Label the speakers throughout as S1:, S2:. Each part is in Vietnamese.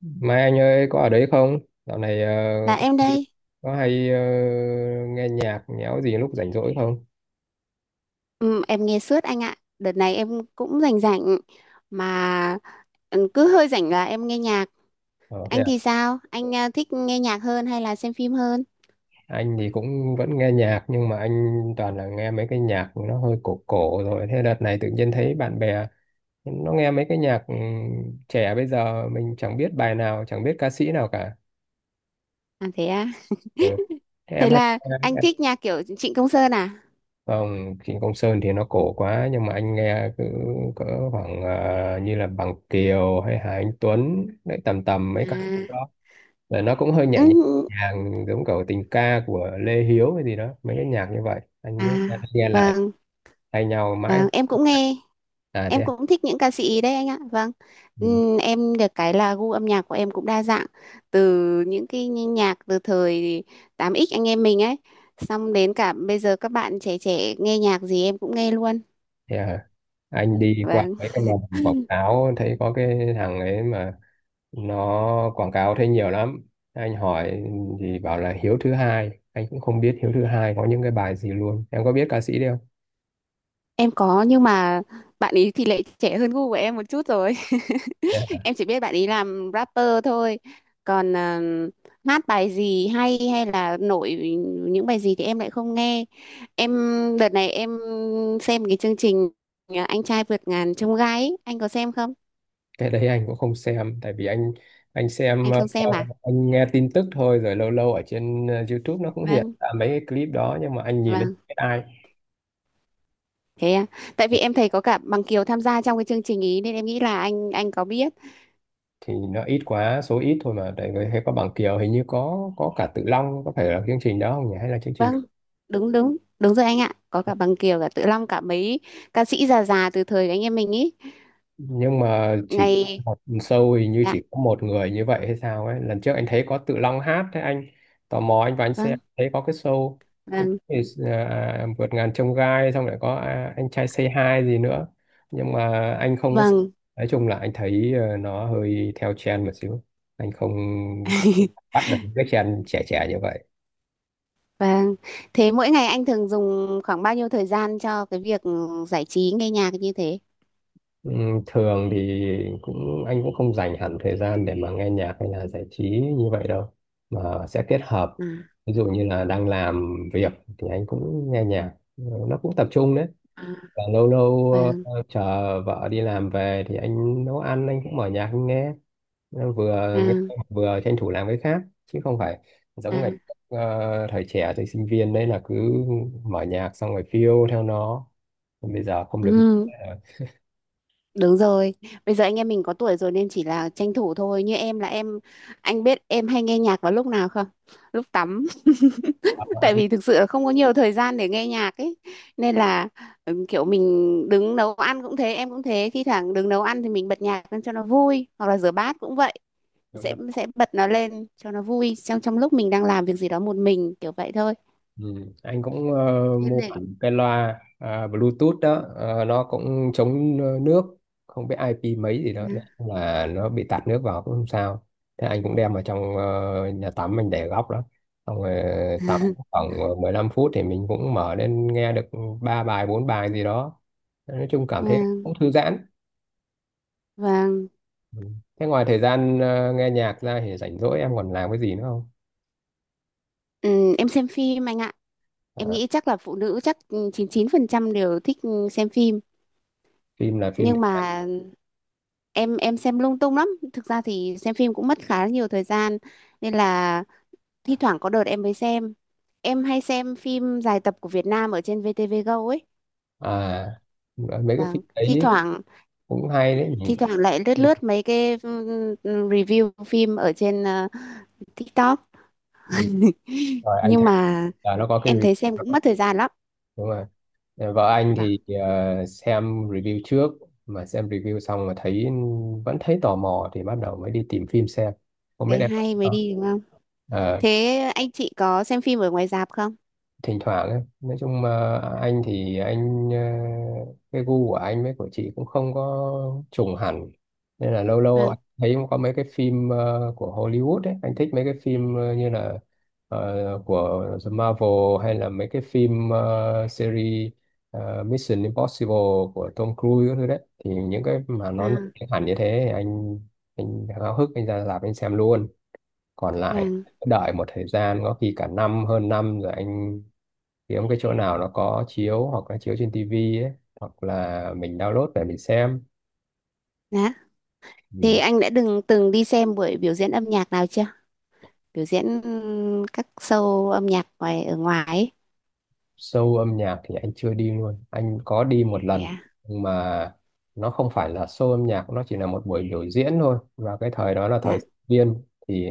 S1: Mai anh ơi có ở đấy không? Dạo này
S2: Dạ
S1: có
S2: em
S1: hay,
S2: đây,
S1: có hay nghe nhạc nhẽo gì lúc rảnh rỗi không?
S2: ừ, em nghe suốt anh ạ. Đợt này em cũng rảnh rảnh mà cứ hơi rảnh là em nghe nhạc.
S1: Ờ, thế
S2: Anh
S1: à?
S2: thì sao? Anh thích nghe nhạc hơn hay là xem phim hơn?
S1: Anh thì cũng vẫn nghe nhạc nhưng mà anh toàn là nghe mấy cái nhạc nó hơi cổ cổ rồi. Thế đợt này tự nhiên thấy bạn bè nó nghe mấy cái nhạc trẻ bây giờ mình chẳng biết bài nào, chẳng biết ca sĩ nào cả.
S2: À thế à?
S1: Ừ. Thế em
S2: Thế
S1: hay
S2: là anh thích nhạc kiểu Trịnh Công Sơn à?
S1: Không, Trịnh Công Sơn thì nó cổ quá nhưng mà anh nghe cứ cỡ khoảng như là Bằng Kiều hay Hà Anh Tuấn đấy tầm tầm mấy ca sĩ
S2: À,
S1: đó rồi nó cũng hơi nhẹ
S2: ừ,
S1: nhàng giống kiểu tình ca của Lê Hiếu hay gì đó mấy cái nhạc như vậy anh
S2: à
S1: cứ nghe nghe lại
S2: vâng,
S1: thay nhau mãi.
S2: vâng em cũng nghe.
S1: À thế
S2: Em
S1: à?
S2: cũng thích những ca sĩ ý đấy anh ạ. Vâng.
S1: Ừ.
S2: Em được cái là gu âm nhạc của em cũng đa dạng từ những cái nhạc từ thời tám x anh em mình ấy, xong đến cả bây giờ các bạn trẻ trẻ nghe nhạc gì em cũng nghe luôn.
S1: Thế à? Anh đi qua
S2: Vâng.
S1: mấy cái lần quảng cáo thấy có cái thằng ấy mà nó quảng cáo thấy nhiều lắm. Anh hỏi thì bảo là Hiếu thứ hai. Anh cũng không biết Hiếu thứ hai có những cái bài gì luôn. Em có biết ca sĩ đấy không?
S2: Em có, nhưng mà bạn ấy thì lại trẻ hơn gu của em một chút rồi.
S1: Thế à?
S2: Em chỉ biết bạn ấy làm rapper thôi. Còn hát bài gì hay hay là nổi những bài gì thì em lại không nghe. Em đợt này em xem cái chương trình Anh trai vượt ngàn chông gai ấy. Anh có xem không?
S1: Cái đấy anh cũng không xem tại vì anh xem
S2: Anh
S1: ờ,
S2: không xem à?
S1: anh nghe tin tức thôi rồi lâu lâu ở trên YouTube nó cũng hiện
S2: Vâng,
S1: ra mấy cái clip đó nhưng mà anh nhìn anh
S2: vâng.
S1: biết ai
S2: Thế à? Tại vì em thấy có cả Bằng Kiều tham gia trong cái chương trình ý nên em nghĩ là anh có biết.
S1: thì nó ít quá số ít thôi mà tại vì hay có Bằng Kiều hình như có cả Tự Long có phải là chương trình đó không nhỉ hay là chương trình
S2: Vâng, đúng đúng, đúng rồi anh ạ. Có cả Bằng Kiều, cả Tự Long, cả mấy ca sĩ già già từ thời anh em mình ý.
S1: nhưng mà chỉ
S2: Ngày,
S1: một show hình như
S2: dạ,
S1: chỉ có một người như vậy hay sao ấy. Lần trước anh thấy có Tự Long hát thế anh tò mò anh vào anh xem
S2: vâng,
S1: thấy có cái show
S2: vâng,
S1: thì, à, vượt ngàn chông gai, xong lại có, à, anh trai Say Hi gì nữa nhưng mà anh không có xem.
S2: vâng,
S1: Nói chung là anh thấy nó hơi theo trend một xíu, anh không chắc bắt được cái trend trẻ trẻ như vậy.
S2: vâng. Thế mỗi ngày anh thường dùng khoảng bao nhiêu thời gian cho cái việc giải trí nghe nhạc như thế?
S1: Ừ, thường thì anh cũng không dành hẳn thời gian để mà nghe nhạc hay là giải trí như vậy đâu mà sẽ kết hợp.
S2: À,
S1: Ví dụ như là đang làm việc thì anh cũng nghe nhạc. Ừ, nó cũng tập trung đấy
S2: à,
S1: và lâu lâu
S2: vâng,
S1: chờ vợ đi làm về thì anh nấu ăn anh cũng mở nhạc anh nghe. Nó
S2: à,
S1: vừa nghe vừa tranh thủ làm cái khác chứ không phải giống ngày
S2: à.
S1: thời trẻ thời sinh viên đấy là cứ mở nhạc xong rồi phiêu theo nó. Còn bây giờ không được.
S2: Ừ, đúng rồi. Bây giờ anh em mình có tuổi rồi nên chỉ là tranh thủ thôi. Như em là em, anh biết em hay nghe nhạc vào lúc nào không? Lúc tắm.
S1: Ờ,
S2: Tại
S1: anh.
S2: vì thực sự là không có nhiều thời gian để nghe nhạc ấy, nên là kiểu mình đứng nấu ăn cũng thế, em cũng thế, khi thẳng đứng nấu ăn thì mình bật nhạc lên cho nó vui, hoặc là rửa bát cũng vậy, sẽ bật nó lên cho nó vui trong trong lúc mình đang làm việc gì đó một mình, kiểu vậy thôi.
S1: Ừ. Anh cũng
S2: Em
S1: mua
S2: này.
S1: hẳn cái loa, à, Bluetooth đó. Ờ, nó cũng chống nước không biết IP mấy gì đó nó là nó bị tạt nước vào cũng không sao. Thế anh cũng đem vào trong nhà tắm mình để góc đó xong rồi tắm khoảng 15 phút thì mình cũng mở lên nghe được ba bài bốn bài gì đó, nói chung cảm thấy
S2: Vâng,
S1: cũng thư giãn.
S2: vâng.
S1: Ừ. Thế ngoài thời gian nghe nhạc ra thì rảnh rỗi em còn làm cái gì nữa không?
S2: Em xem phim anh ạ. Em
S1: À,
S2: nghĩ chắc là phụ nữ chắc 99% đều thích xem phim,
S1: phim là phim thể
S2: nhưng
S1: loại.
S2: mà em xem lung tung lắm. Thực ra thì xem phim cũng mất khá là nhiều thời gian nên là thi thoảng có đợt em mới xem. Em hay xem phim dài tập của Việt Nam ở trên VTV Go ấy.
S1: À, mấy cái
S2: Vâng,
S1: phim
S2: thi, Dạ,
S1: đấy
S2: thoảng,
S1: cũng hay đấy nhỉ.
S2: thi thoảng lại lướt lướt mấy cái review phim ở trên TikTok.
S1: Ừ, rồi anh
S2: Nhưng
S1: thấy
S2: mà
S1: là nó có cái
S2: em
S1: review
S2: thấy xem
S1: đó.
S2: cũng mất thời gian lắm.
S1: Đúng rồi. Ờ, vợ anh
S2: Vâng,
S1: thì xem review trước mà xem review xong mà thấy vẫn thấy tò mò thì bắt đầu mới đi tìm phim xem, không biết
S2: thế
S1: em có
S2: hay
S1: thấy
S2: mới
S1: không.
S2: đi đúng không.
S1: Ờ.
S2: Thế anh chị có xem phim ở ngoài rạp không?
S1: Thỉnh thoảng ấy. Nói chung mà anh thì anh ờ, cái gu của anh với của chị cũng không có trùng hẳn nên là lâu lâu
S2: Vâng,
S1: anh thấy có mấy cái phim của Hollywood ấy, anh thích mấy cái phim như là của The Marvel hay là mấy cái phim series Mission Impossible của Tom Cruise các thứ đấy. Thì những cái mà nó nổi
S2: à,
S1: tiếng hẳn như thế thì anh háo hức anh ra rạp anh xem luôn, còn lại
S2: vâng,
S1: đợi một thời gian có khi cả năm hơn năm rồi anh kiếm cái chỗ nào nó có chiếu hoặc là chiếu trên tivi ấy hoặc là mình download về mình xem.
S2: dạ. Thì
S1: Ừ.
S2: anh đã từng từng đi xem buổi biểu diễn âm nhạc nào chưa? Biểu diễn các show âm nhạc ngoài, ở ngoài ấy.
S1: Show âm nhạc thì anh chưa đi luôn, anh có đi một lần
S2: Yeah.
S1: nhưng mà nó không phải là show âm nhạc, nó chỉ là một buổi biểu diễn thôi. Và cái thời đó là thời
S2: Dạ.
S1: sinh viên thì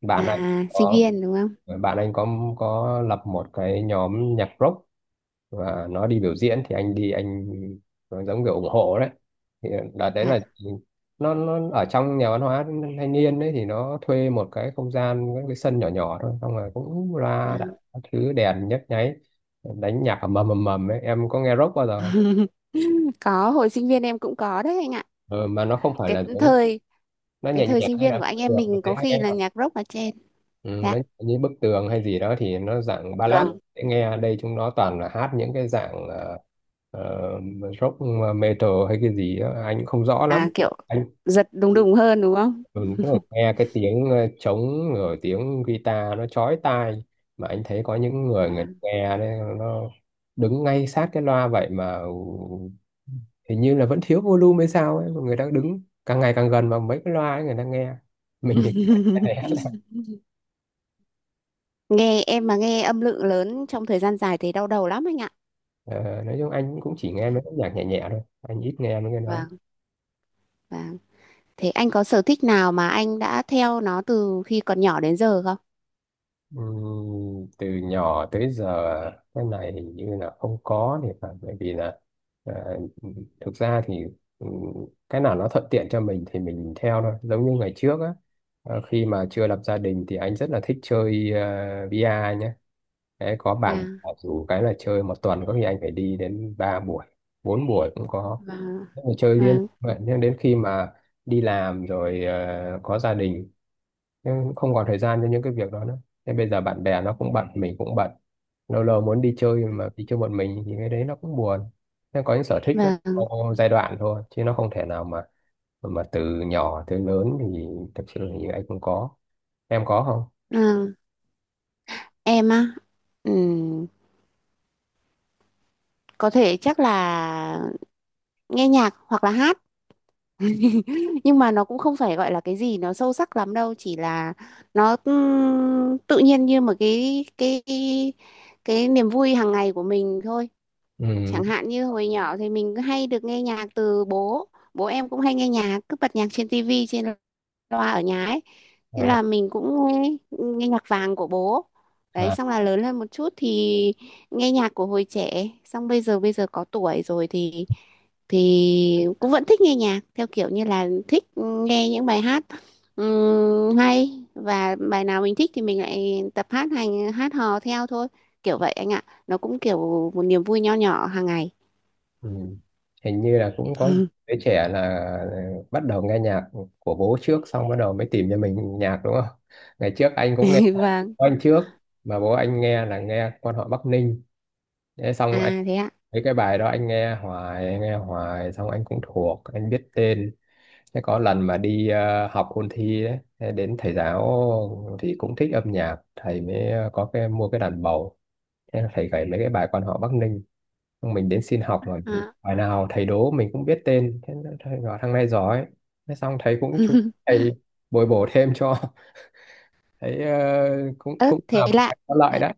S1: bạn anh
S2: À, sinh
S1: có
S2: viên đúng không?
S1: bạn anh có lập một cái nhóm nhạc rock và nó đi biểu diễn thì anh đi nó giống kiểu ủng hộ đấy. Thì đợt đấy
S2: Dạ.
S1: là nó ở trong nhà văn hóa thanh niên đấy thì nó thuê một cái không gian cái sân nhỏ nhỏ thôi, xong rồi cũng
S2: À,
S1: ra đặt các thứ đèn nhấp nháy đánh nhạc mầm mầm mầm ấy. Em có nghe rock bao giờ không?
S2: có, hồi sinh viên em cũng có đấy anh ạ.
S1: Ừ, mà nó không phải
S2: Cái
S1: là giống
S2: thời
S1: nó
S2: cái
S1: nhẹ
S2: thời
S1: nhàng
S2: sinh
S1: hay
S2: viên
S1: là
S2: của
S1: bức
S2: anh em
S1: tường thì
S2: mình
S1: dễ
S2: có khi
S1: nghe.
S2: là nhạc rock ở trên.
S1: Ừ,
S2: Dạ.
S1: nó như bức tường hay gì đó thì nó dạng ballad
S2: Vâng.
S1: dễ nghe. Đây chúng nó toàn là hát những cái dạng ờ, rock metal hay cái gì đó. Anh không rõ lắm
S2: À kiểu
S1: anh.
S2: giật đùng đùng hơn đúng không?
S1: Ừ, tức là nghe cái tiếng trống rồi tiếng guitar nó chói tai mà anh thấy có những người
S2: À.
S1: người ta nghe đấy nó đứng ngay sát cái loa vậy mà hình như là vẫn thiếu volume hay sao ấy mà người ta đứng càng ngày càng gần vào mấy cái loa ấy người ta nghe. Mình thì né.
S2: Nghe em mà nghe âm lượng lớn trong thời gian dài thì đau đầu lắm anh ạ.
S1: Ờ, nói chung anh cũng chỉ nghe mấy cái nhạc nhẹ nhẹ thôi, anh ít nghe mấy cái đó.
S2: Vâng, vâng. Thế anh có sở thích nào mà anh đã theo nó từ khi còn nhỏ đến giờ không?
S1: Từ nhỏ tới giờ cái này hình như là không có thì phải, bởi vì là à, thực ra thì ừm, cái nào nó thuận tiện cho mình thì mình theo thôi giống như ngày trước á. Ờ, khi mà chưa lập gia đình thì anh rất là thích chơi vi a nhé. Đấy, có bạn
S2: Và
S1: dù cái là chơi một tuần có khi anh phải đi đến 3 buổi 4 buổi cũng có.
S2: và
S1: Thế mà chơi liên
S2: Vâng.
S1: vậy nhưng đến khi mà đi làm rồi có gia đình nhưng cũng không còn thời gian cho những cái việc đó nữa. Thế bây giờ bạn bè nó cũng bận mình cũng bận lâu lâu muốn đi chơi mà đi chơi một mình thì cái đấy nó cũng buồn. Nó có những sở thích nó
S2: Và
S1: có giai đoạn thôi chứ nó không thể nào mà từ nhỏ tới lớn thì thực sự thì anh cũng có. Em có không?
S2: ờ, em á, ừm, có thể chắc là nghe nhạc hoặc là hát, nhưng mà nó cũng không phải gọi là cái gì nó sâu sắc lắm đâu, chỉ là nó tự nhiên như một cái cái niềm vui hàng ngày của mình thôi.
S1: Ừ,
S2: Chẳng hạn như hồi nhỏ thì mình cứ hay được nghe nhạc từ bố, bố em cũng hay nghe nhạc, cứ bật nhạc trên tivi, trên loa ở nhà ấy, thế
S1: ờ,
S2: là mình cũng nghe, nhạc vàng của bố. Đấy,
S1: à,
S2: xong là lớn lên một chút thì nghe nhạc của hồi trẻ, xong bây giờ có tuổi rồi thì cũng vẫn thích nghe nhạc theo kiểu như là thích nghe những bài hát hay, và bài nào mình thích thì mình lại tập hát, hành hát hò theo thôi, kiểu vậy anh ạ. Nó cũng kiểu một niềm vui nho nhỏ hàng ngày.
S1: ừ. Hình như là cũng có đứa trẻ là ờ, bắt đầu nghe nhạc của bố trước xong bắt đầu mới tìm cho mình nhạc đúng không. Ngày trước anh cũng nghe nhạc
S2: Vâng,
S1: của anh trước mà bố anh nghe là nghe quan họ Bắc Ninh. Thế xong
S2: à thế ạ.
S1: mấy cái bài đó anh nghe hoài, xong anh cũng thuộc, anh biết tên. Thế có lần mà đi học ôn thi đấy, thế đến thầy giáo thì cũng thích âm nhạc, thầy mới có cái mua cái đàn bầu. Thế là thầy gảy mấy cái bài quan họ Bắc Ninh. Xong mình đến xin học mà
S2: À.
S1: bài nào thầy đố mình cũng biết tên. Thế là thầy bảo thằng này giỏi. Thế xong thầy cũng chú thầy bồi bổ thêm cho. Thấy cũng
S2: Ớt
S1: cũng
S2: thế
S1: là
S2: lạ.
S1: có lợi đấy.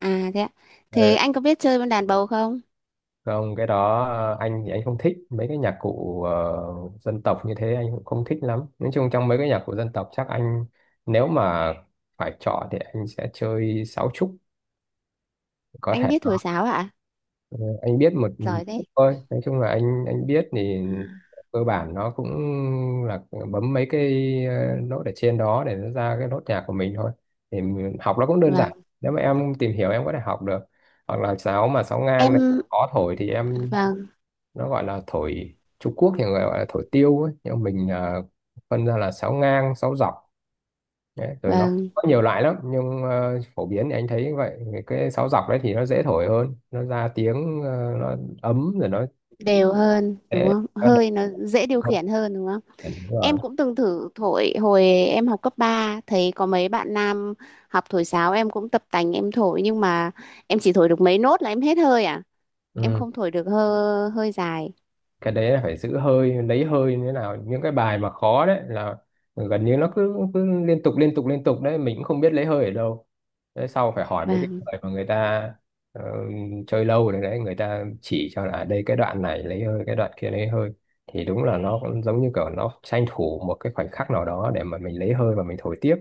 S2: À thế ạ.
S1: Ờ,
S2: Thế anh có biết chơi con đàn bầu không?
S1: không, cái đó anh thì anh không thích mấy cái nhạc cụ dân tộc như thế, anh cũng không thích lắm. Nói chung trong mấy cái nhạc cụ dân tộc chắc anh nếu mà phải chọn thì anh sẽ chơi sáo trúc có
S2: Anh
S1: thể.
S2: biết thổi sáo ạ?
S1: Ờ, anh biết một
S2: Giỏi thế.
S1: chút thôi. Nói chung là anh biết thì cơ bản nó cũng là bấm mấy cái nốt ở trên đó để nó ra cái nốt nhạc của mình thôi. Thì học nó cũng đơn giản.
S2: Vâng.
S1: Nếu mà em tìm hiểu em có thể học được. Hoặc là sáo mà sáo ngang đấy,
S2: Em
S1: có thổi thì em
S2: vâng,
S1: nó gọi là thổi Trung Quốc thì người gọi là thổi tiêu ấy. Nhưng mình là phân ra là sáo ngang sáo dọc đấy. Rồi nó
S2: vâng,
S1: có nhiều loại lắm nhưng phổ biến thì anh thấy như vậy. Thì cái sáo dọc đấy thì nó dễ thổi hơn nó ra tiếng nó ấm rồi nó
S2: đều hơn đúng
S1: dễ
S2: không?
S1: nó đậm
S2: Hơi nó dễ điều
S1: hơn.
S2: khiển hơn đúng không?
S1: Đúng rồi.
S2: Em cũng từng thử thổi hồi em học cấp ba, thấy có mấy bạn nam học thổi sáo em cũng tập tành em thổi, nhưng mà em chỉ thổi được mấy nốt là em hết hơi à. Em
S1: Ừ.
S2: không thổi được hơi hơi dài.
S1: Cái đấy là phải giữ hơi lấy hơi như thế nào. Những cái bài mà khó đấy là gần như nó cứ cứ liên tục liên tục liên tục đấy mình cũng không biết lấy hơi ở đâu. Đấy sau phải hỏi mấy cái
S2: Vâng,
S1: người mà người ta ờ, chơi lâu rồi đấy người ta chỉ cho là, à, đây cái đoạn này lấy hơi cái đoạn kia lấy hơi thì đúng là nó cũng giống như kiểu nó tranh thủ một cái khoảnh khắc nào đó để mà mình lấy hơi và mình thổi tiếp.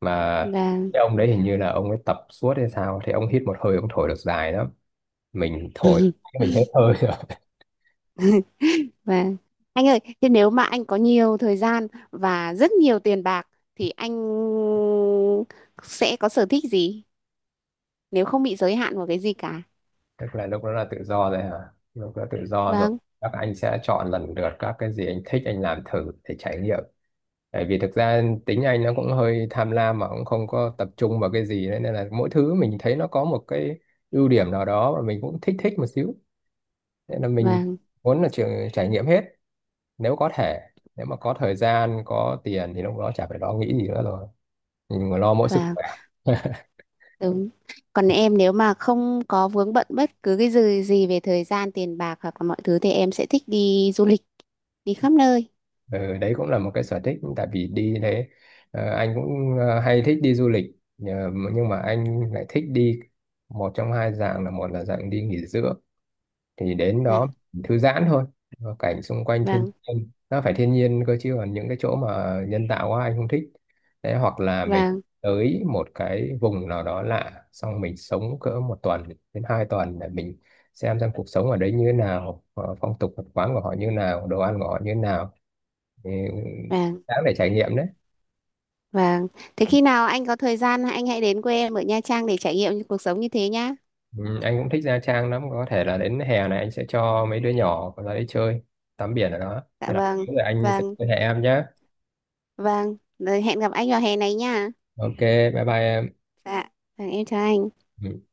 S1: Mà
S2: vâng.
S1: cái ông đấy hình như là ông ấy tập suốt hay sao thì ông hít một hơi ông thổi được dài lắm. Mình thổi mình hết hơi.
S2: Vâng. Anh ơi, thế nếu mà anh có nhiều thời gian và rất nhiều tiền bạc thì anh sẽ có sở thích gì nếu không bị giới hạn vào cái gì cả?
S1: Tức là lúc đó là tự do rồi hả? Lúc đó tự do rồi
S2: Vâng,
S1: các anh sẽ chọn lần lượt các cái gì anh thích anh làm thử để trải nghiệm, bởi vì thực ra tính anh nó cũng hơi tham lam mà cũng không có tập trung vào cái gì đấy. Nên là mỗi thứ mình thấy nó có một cái ưu điểm nào đó mà mình cũng thích thích một xíu nên là mình
S2: vâng,
S1: muốn là trường trải nghiệm hết nếu có thể. Nếu mà có thời gian có tiền thì lúc đó chả phải lo nghĩ gì nữa rồi mình lo mỗi sức
S2: vâng,
S1: khỏe.
S2: đúng. Còn em, nếu mà không có vướng bận bất cứ cái gì gì về thời gian, tiền bạc hoặc là mọi thứ thì em sẽ thích đi du lịch, đi khắp nơi.
S1: Ừ, đấy cũng là một cái sở thích tại vì đi đấy anh cũng hay thích đi du lịch nhưng mà anh lại thích đi một trong hai dạng là một là dạng đi nghỉ dưỡng thì đến
S2: Dạ,
S1: đó thư giãn thôi. Ờ, cảnh xung quanh thiên
S2: vâng,
S1: nhiên nó phải thiên nhiên cơ chứ còn những cái chỗ mà nhân tạo quá anh không thích. Đấy hoặc là mình
S2: vâng,
S1: tới một cái vùng nào đó lạ xong mình sống cỡ một tuần đến 2 tuần để mình xem cuộc sống ở đấy như thế nào phong tục tập quán của họ như thế nào đồ ăn của họ như thế nào thì
S2: vâng,
S1: đáng để trải nghiệm đấy.
S2: vâng. Thế khi nào anh có thời gian anh hãy đến quê em ở Nha Trang để trải nghiệm cuộc sống như thế nhá.
S1: Ừ, anh cũng thích Nha Trang lắm có thể là đến hè này anh sẽ cho mấy đứa nhỏ ra đấy chơi tắm biển ở đó
S2: Dạ
S1: nên là
S2: vâng,
S1: rồi anh sẽ
S2: vâng.
S1: liên hệ em nhé.
S2: Vâng, rồi hẹn gặp anh vào hè này nha.
S1: OK, bye bye em.
S2: Dạ, vâng, em chào anh.
S1: Ừ.